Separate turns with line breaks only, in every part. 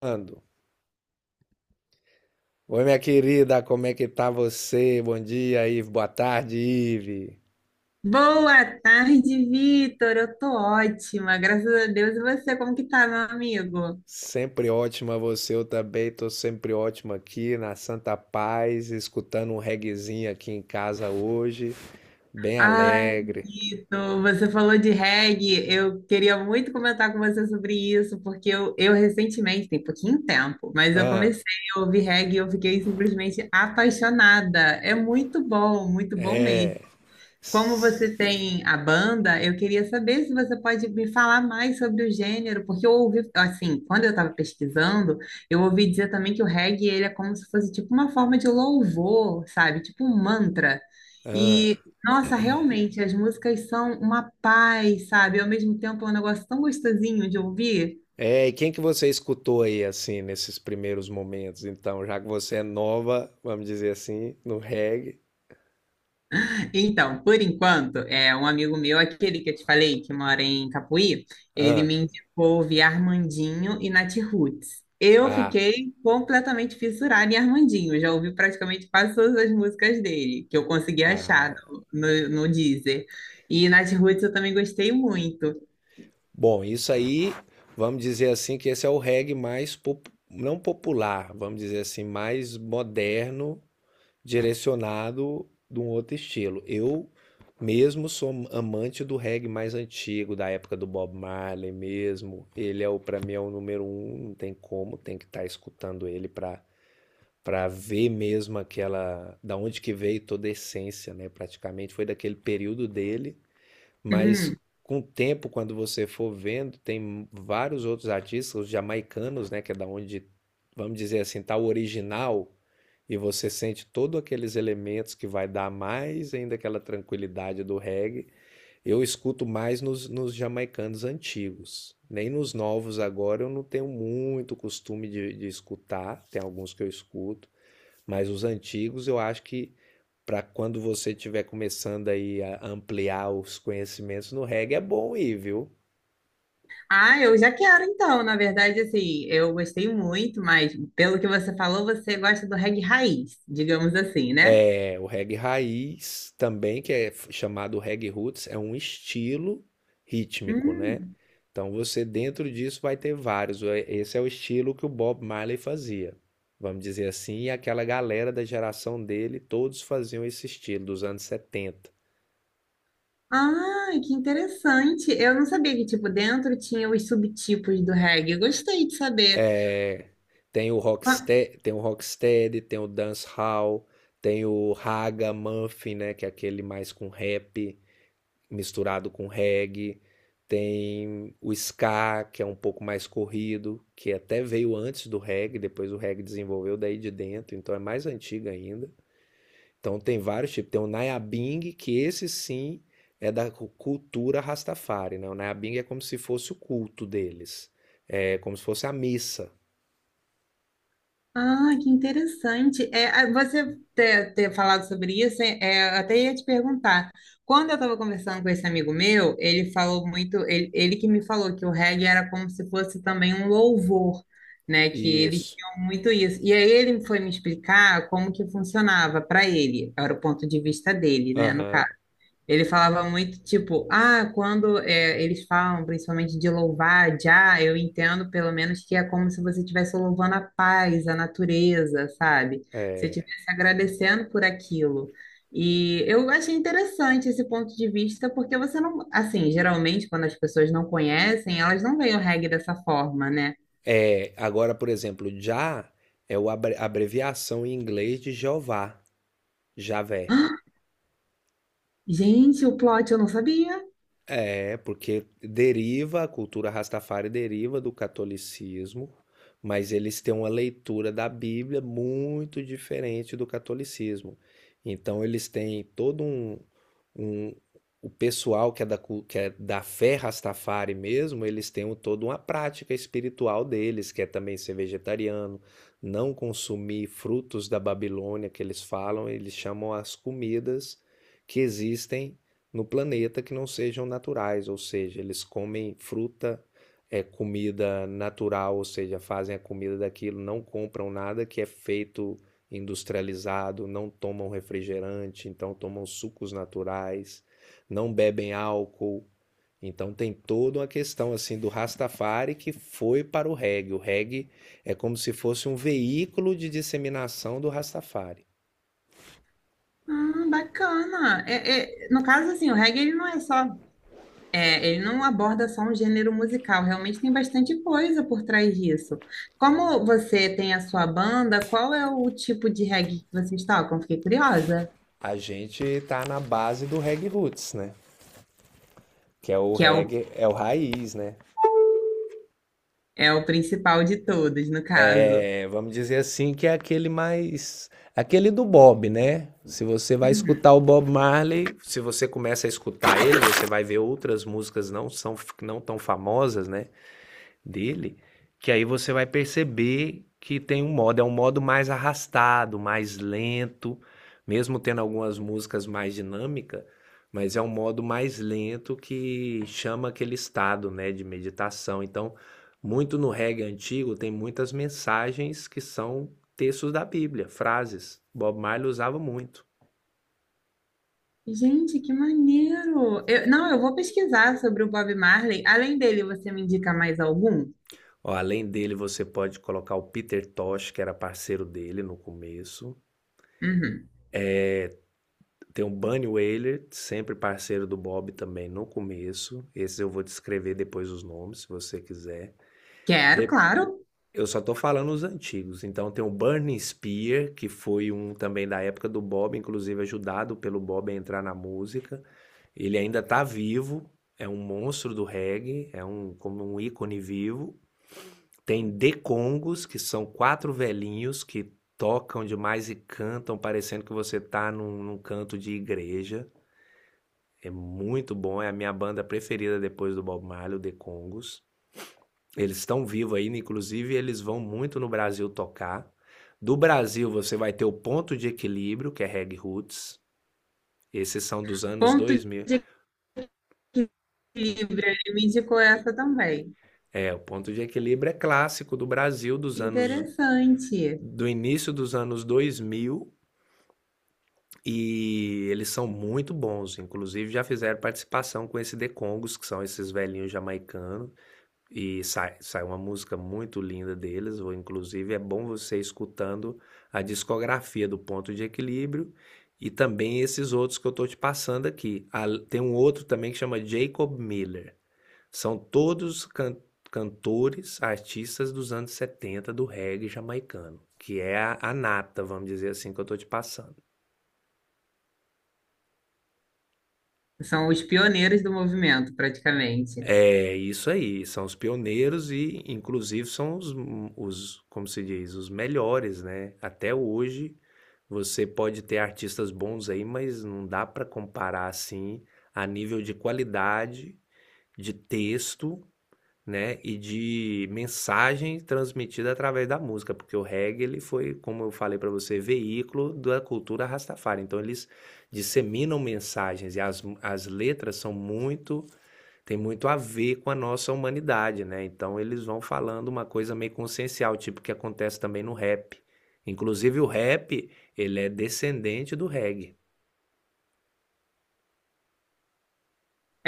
Ando. Oi, minha querida, como é que tá você? Bom dia, Ive. Boa tarde, Ive.
Boa tarde, Vitor. Eu tô ótima, graças a Deus. E você, como que tá, meu amigo?
Sempre ótima você, eu também tô sempre ótima aqui na Santa Paz, escutando um reguezinho aqui em casa hoje, bem
Ai,
alegre.
Vitor, você falou de reggae. Eu queria muito comentar com você sobre isso, porque eu recentemente, tem pouquinho tempo, mas eu
Ah,
comecei a ouvir reggae e eu fiquei simplesmente apaixonada. É muito bom mesmo.
é.
Como você tem a banda, eu queria saber se você pode me falar mais sobre o gênero, porque eu ouvi, assim, quando eu estava pesquisando, eu ouvi dizer também que o reggae, ele é como se fosse tipo uma forma de louvor, sabe? Tipo um mantra.
Ah,
E, nossa, realmente, as músicas são uma paz, sabe? Ao mesmo tempo, é um negócio tão gostosinho de ouvir.
é. E quem que você escutou aí assim nesses primeiros momentos? Então, já que você é nova, vamos dizer assim, no reggae.
Então, por enquanto, é um amigo meu, aquele que eu te falei, que mora em Capuí, ele
Ah,
me indicou ouvir Armandinho e Nath Roots. Eu
ah,
fiquei completamente fissurada em Armandinho, eu já ouvi praticamente quase todas as músicas dele que eu consegui achar
ah.
no Deezer. E Nath Roots eu também gostei muito.
Bom, isso aí, vamos dizer assim, que esse é o reggae mais, não popular, vamos dizer assim, mais moderno, direcionado de um outro estilo. Eu mesmo sou amante do reggae mais antigo, da época do Bob Marley mesmo. Ele é o, para mim, é o número um, não tem como, tem que estar escutando ele para ver mesmo aquela, da onde que veio toda a essência, né? Praticamente foi daquele período dele, mas
Hum.
com o tempo, quando você for vendo, tem vários outros artistas, os jamaicanos, né, que é da onde, vamos dizer assim, tá o original, e você sente todos aqueles elementos que vai dar mais ainda aquela tranquilidade do reggae. Eu escuto mais nos jamaicanos antigos. Nem nos novos agora eu não tenho muito costume de escutar, tem alguns que eu escuto, mas os antigos eu acho que para quando você estiver começando aí a ampliar os conhecimentos no reggae, é bom ir, viu?
Ah, eu já quero então, na verdade, assim, eu gostei muito, mas pelo que você falou, você gosta do reggae raiz, digamos assim, né?
É, o reggae raiz também, que é chamado reggae roots, é um estilo rítmico, né?
Hum.
Então você dentro disso vai ter vários. É, esse é o estilo que o Bob Marley fazia, vamos dizer assim, e aquela galera da geração dele, todos faziam esse estilo dos anos 70.
Ah, que interessante. Eu não sabia que, tipo, dentro tinha os subtipos do reggae. Eu gostei de saber.
É, tem o
Ah,
Rocksteady, tem o Dancehall, tem o Raga Muffin, né, que é aquele mais com rap misturado com reggae. Tem o ska, que é um pouco mais corrido, que até veio antes do reggae, depois o reggae desenvolveu daí de dentro, então é mais antigo ainda. Então tem vários tipos. Tem o Nayabing, que esse sim é da cultura Rastafari, né? O Nayabing é como se fosse o culto deles, é como se fosse a missa.
ah, que interessante. É, ah, você ter, ter falado sobre isso, é, é, eu até ia te perguntar. Quando eu estava conversando com esse amigo meu, ele falou muito, ele que me falou que o reggae era como se fosse também um louvor, né? Que eles
Isso.
tinham muito isso. E aí ele foi me explicar como que funcionava para ele, era o ponto de vista dele, né, no
Aham.
caso. Ele falava muito tipo, ah, quando é, eles falam principalmente de louvar, já, eu entendo pelo menos que é como se você estivesse louvando a paz, a natureza, sabe? Você
É.
estivesse agradecendo por aquilo. E eu achei interessante esse ponto de vista, porque você não, assim, geralmente quando as pessoas não conhecem, elas não veem o reggae dessa forma, né?
É, agora, por exemplo, já é o abreviação em inglês de Jeová, Javé.
Gente, o plot eu não sabia.
É, porque deriva, a cultura Rastafari deriva do catolicismo, mas eles têm uma leitura da Bíblia muito diferente do catolicismo. Então eles têm todo um- o pessoal que é da, que é da fé Rastafari mesmo, eles têm toda uma prática espiritual deles, que é também ser vegetariano, não consumir frutos da Babilônia que eles falam, eles chamam as comidas que existem no planeta que não sejam naturais, ou seja, eles comem fruta, é comida natural, ou seja, fazem a comida daquilo, não compram nada que é feito industrializado, não tomam refrigerante, então tomam sucos naturais, não bebem álcool. Então tem toda uma questão assim do Rastafari que foi para o reggae. O reggae é como se fosse um veículo de disseminação do Rastafari.
Ah, bacana. É, é, no caso, assim, o reggae ele não é só. É, ele não aborda só um gênero musical, realmente tem bastante coisa por trás disso. Como você tem a sua banda, qual é o tipo de reggae que vocês tocam? Fiquei curiosa.
A gente está na base do reggae roots, né? Que é o
Que é o,
reggae, é o raiz, né?
é o principal de todos, no caso.
É, vamos dizer assim que é aquele mais, aquele do Bob, né? Se você vai
Uhum.
escutar o Bob Marley, se você começa a escutar ele, você vai ver outras músicas, não são não tão famosas, né, dele, que aí você vai perceber que tem um modo, é um modo mais arrastado, mais lento, mesmo tendo algumas músicas mais dinâmicas, mas é um modo mais lento que chama aquele estado, né, de meditação. Então, muito no reggae antigo tem muitas mensagens que são textos da Bíblia, frases. Bob Marley usava muito.
Gente, que maneiro! Não, eu vou pesquisar sobre o Bob Marley. Além dele, você me indica mais algum?
Ó, além dele, você pode colocar o Peter Tosh, que era parceiro dele no começo.
Uhum.
Tem o Bunny Wailer, sempre parceiro do Bob também no começo. Esses eu vou descrever depois os nomes, se você quiser.
Quero,
De-
claro.
Eu só tô falando os antigos. Então tem o Burning Spear, que foi um também da época do Bob, inclusive ajudado pelo Bob a entrar na música. Ele ainda tá vivo, é um monstro do reggae, é um como um ícone vivo. Tem The Congos, que são quatro velhinhos que tocam demais e cantam, parecendo que você tá num canto de igreja. É muito bom, é a minha banda preferida depois do Bob Marley, o The Congos. Eles estão vivos ainda, inclusive eles vão muito no Brasil tocar. Do Brasil você vai ter o Ponto de Equilíbrio, que é Reg Roots. Esses são dos anos
Ponto
2000.
Livre, ele me indicou essa também.
É, o Ponto de Equilíbrio é clássico do Brasil dos anos,
Interessante.
do início dos anos 2000, e eles são muito bons, inclusive já fizeram participação com esse The Congos, que são esses velhinhos jamaicanos. E sai uma música muito linda deles, ou inclusive é bom você ir escutando a discografia do Ponto de Equilíbrio e também esses outros que eu estou te passando aqui. Tem um outro também que chama Jacob Miller. São todos cantores, artistas dos anos 70 do reggae jamaicano, que é a nata, vamos dizer assim, que eu estou te passando.
São os pioneiros do movimento, praticamente.
É isso aí, são os pioneiros e, inclusive, são os, como se diz, os melhores, né? Até hoje você pode ter artistas bons aí, mas não dá para comparar assim a nível de qualidade de texto, né, e de mensagem transmitida através da música, porque o reggae ele foi, como eu falei para você, veículo da cultura Rastafari. Então eles disseminam mensagens e as letras são muito, tem muito a ver com a nossa humanidade, né? Então eles vão falando uma coisa meio consciencial, tipo que acontece também no rap. Inclusive o rap, ele é descendente do reggae.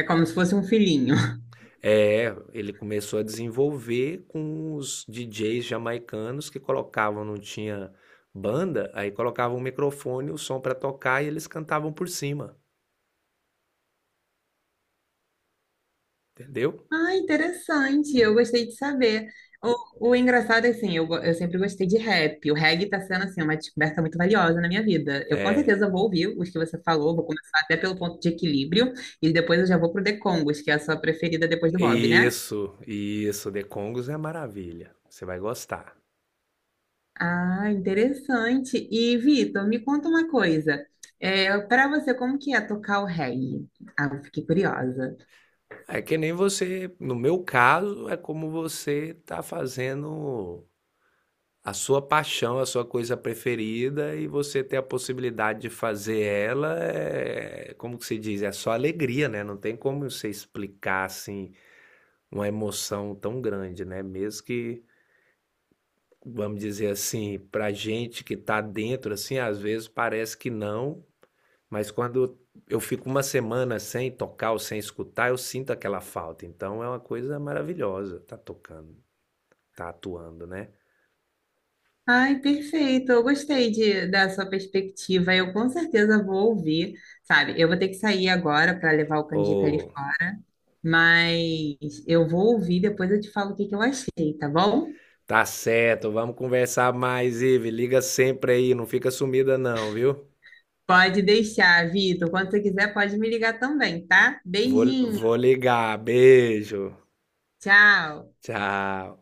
É como se fosse um filhinho.
É, ele começou a desenvolver com os DJs jamaicanos que colocavam, não tinha banda, aí colocavam o microfone, o som para tocar e eles cantavam por cima, entendeu?
Ah, interessante. Eu gostei de saber. O engraçado é assim, eu, eu sempre gostei de rap. O reggae tá sendo assim uma descoberta muito valiosa na minha vida. Eu com
É,
certeza vou ouvir os que você falou, vou começar até pelo Ponto de Equilíbrio e depois eu já vou pro The Congos, que é a sua preferida depois do Bob, né?
isso, The Congos é maravilha, você vai gostar.
Ah, interessante. E Vitor, me conta uma coisa. É, para você, como que é tocar o reggae? Ah, eu fiquei curiosa.
É que nem você, no meu caso, é como você tá fazendo a sua paixão, a sua coisa preferida e você ter a possibilidade de fazer ela, é, como que se diz, é só alegria, né? Não tem como você explicar assim uma emoção tão grande, né? Mesmo que, vamos dizer assim, pra gente que tá dentro assim, às vezes parece que não, mas quando eu fico uma semana sem tocar ou sem escutar, eu sinto aquela falta. Então é uma coisa maravilhosa tá tocando, tá atuando, né?
Ai, perfeito. Eu gostei de, da sua perspectiva. Eu com certeza vou ouvir, sabe? Eu vou ter que sair agora para levar o Canjica ali
Ou
fora, mas eu vou ouvir, depois eu te falo o que que eu achei, tá bom?
tá certo, vamos conversar mais, Ive. Liga sempre aí, não fica sumida não, viu?
Pode deixar, Vitor. Quando você quiser, pode me ligar também, tá? Beijinho.
Vou ligar. Beijo.
Tchau.
Tchau.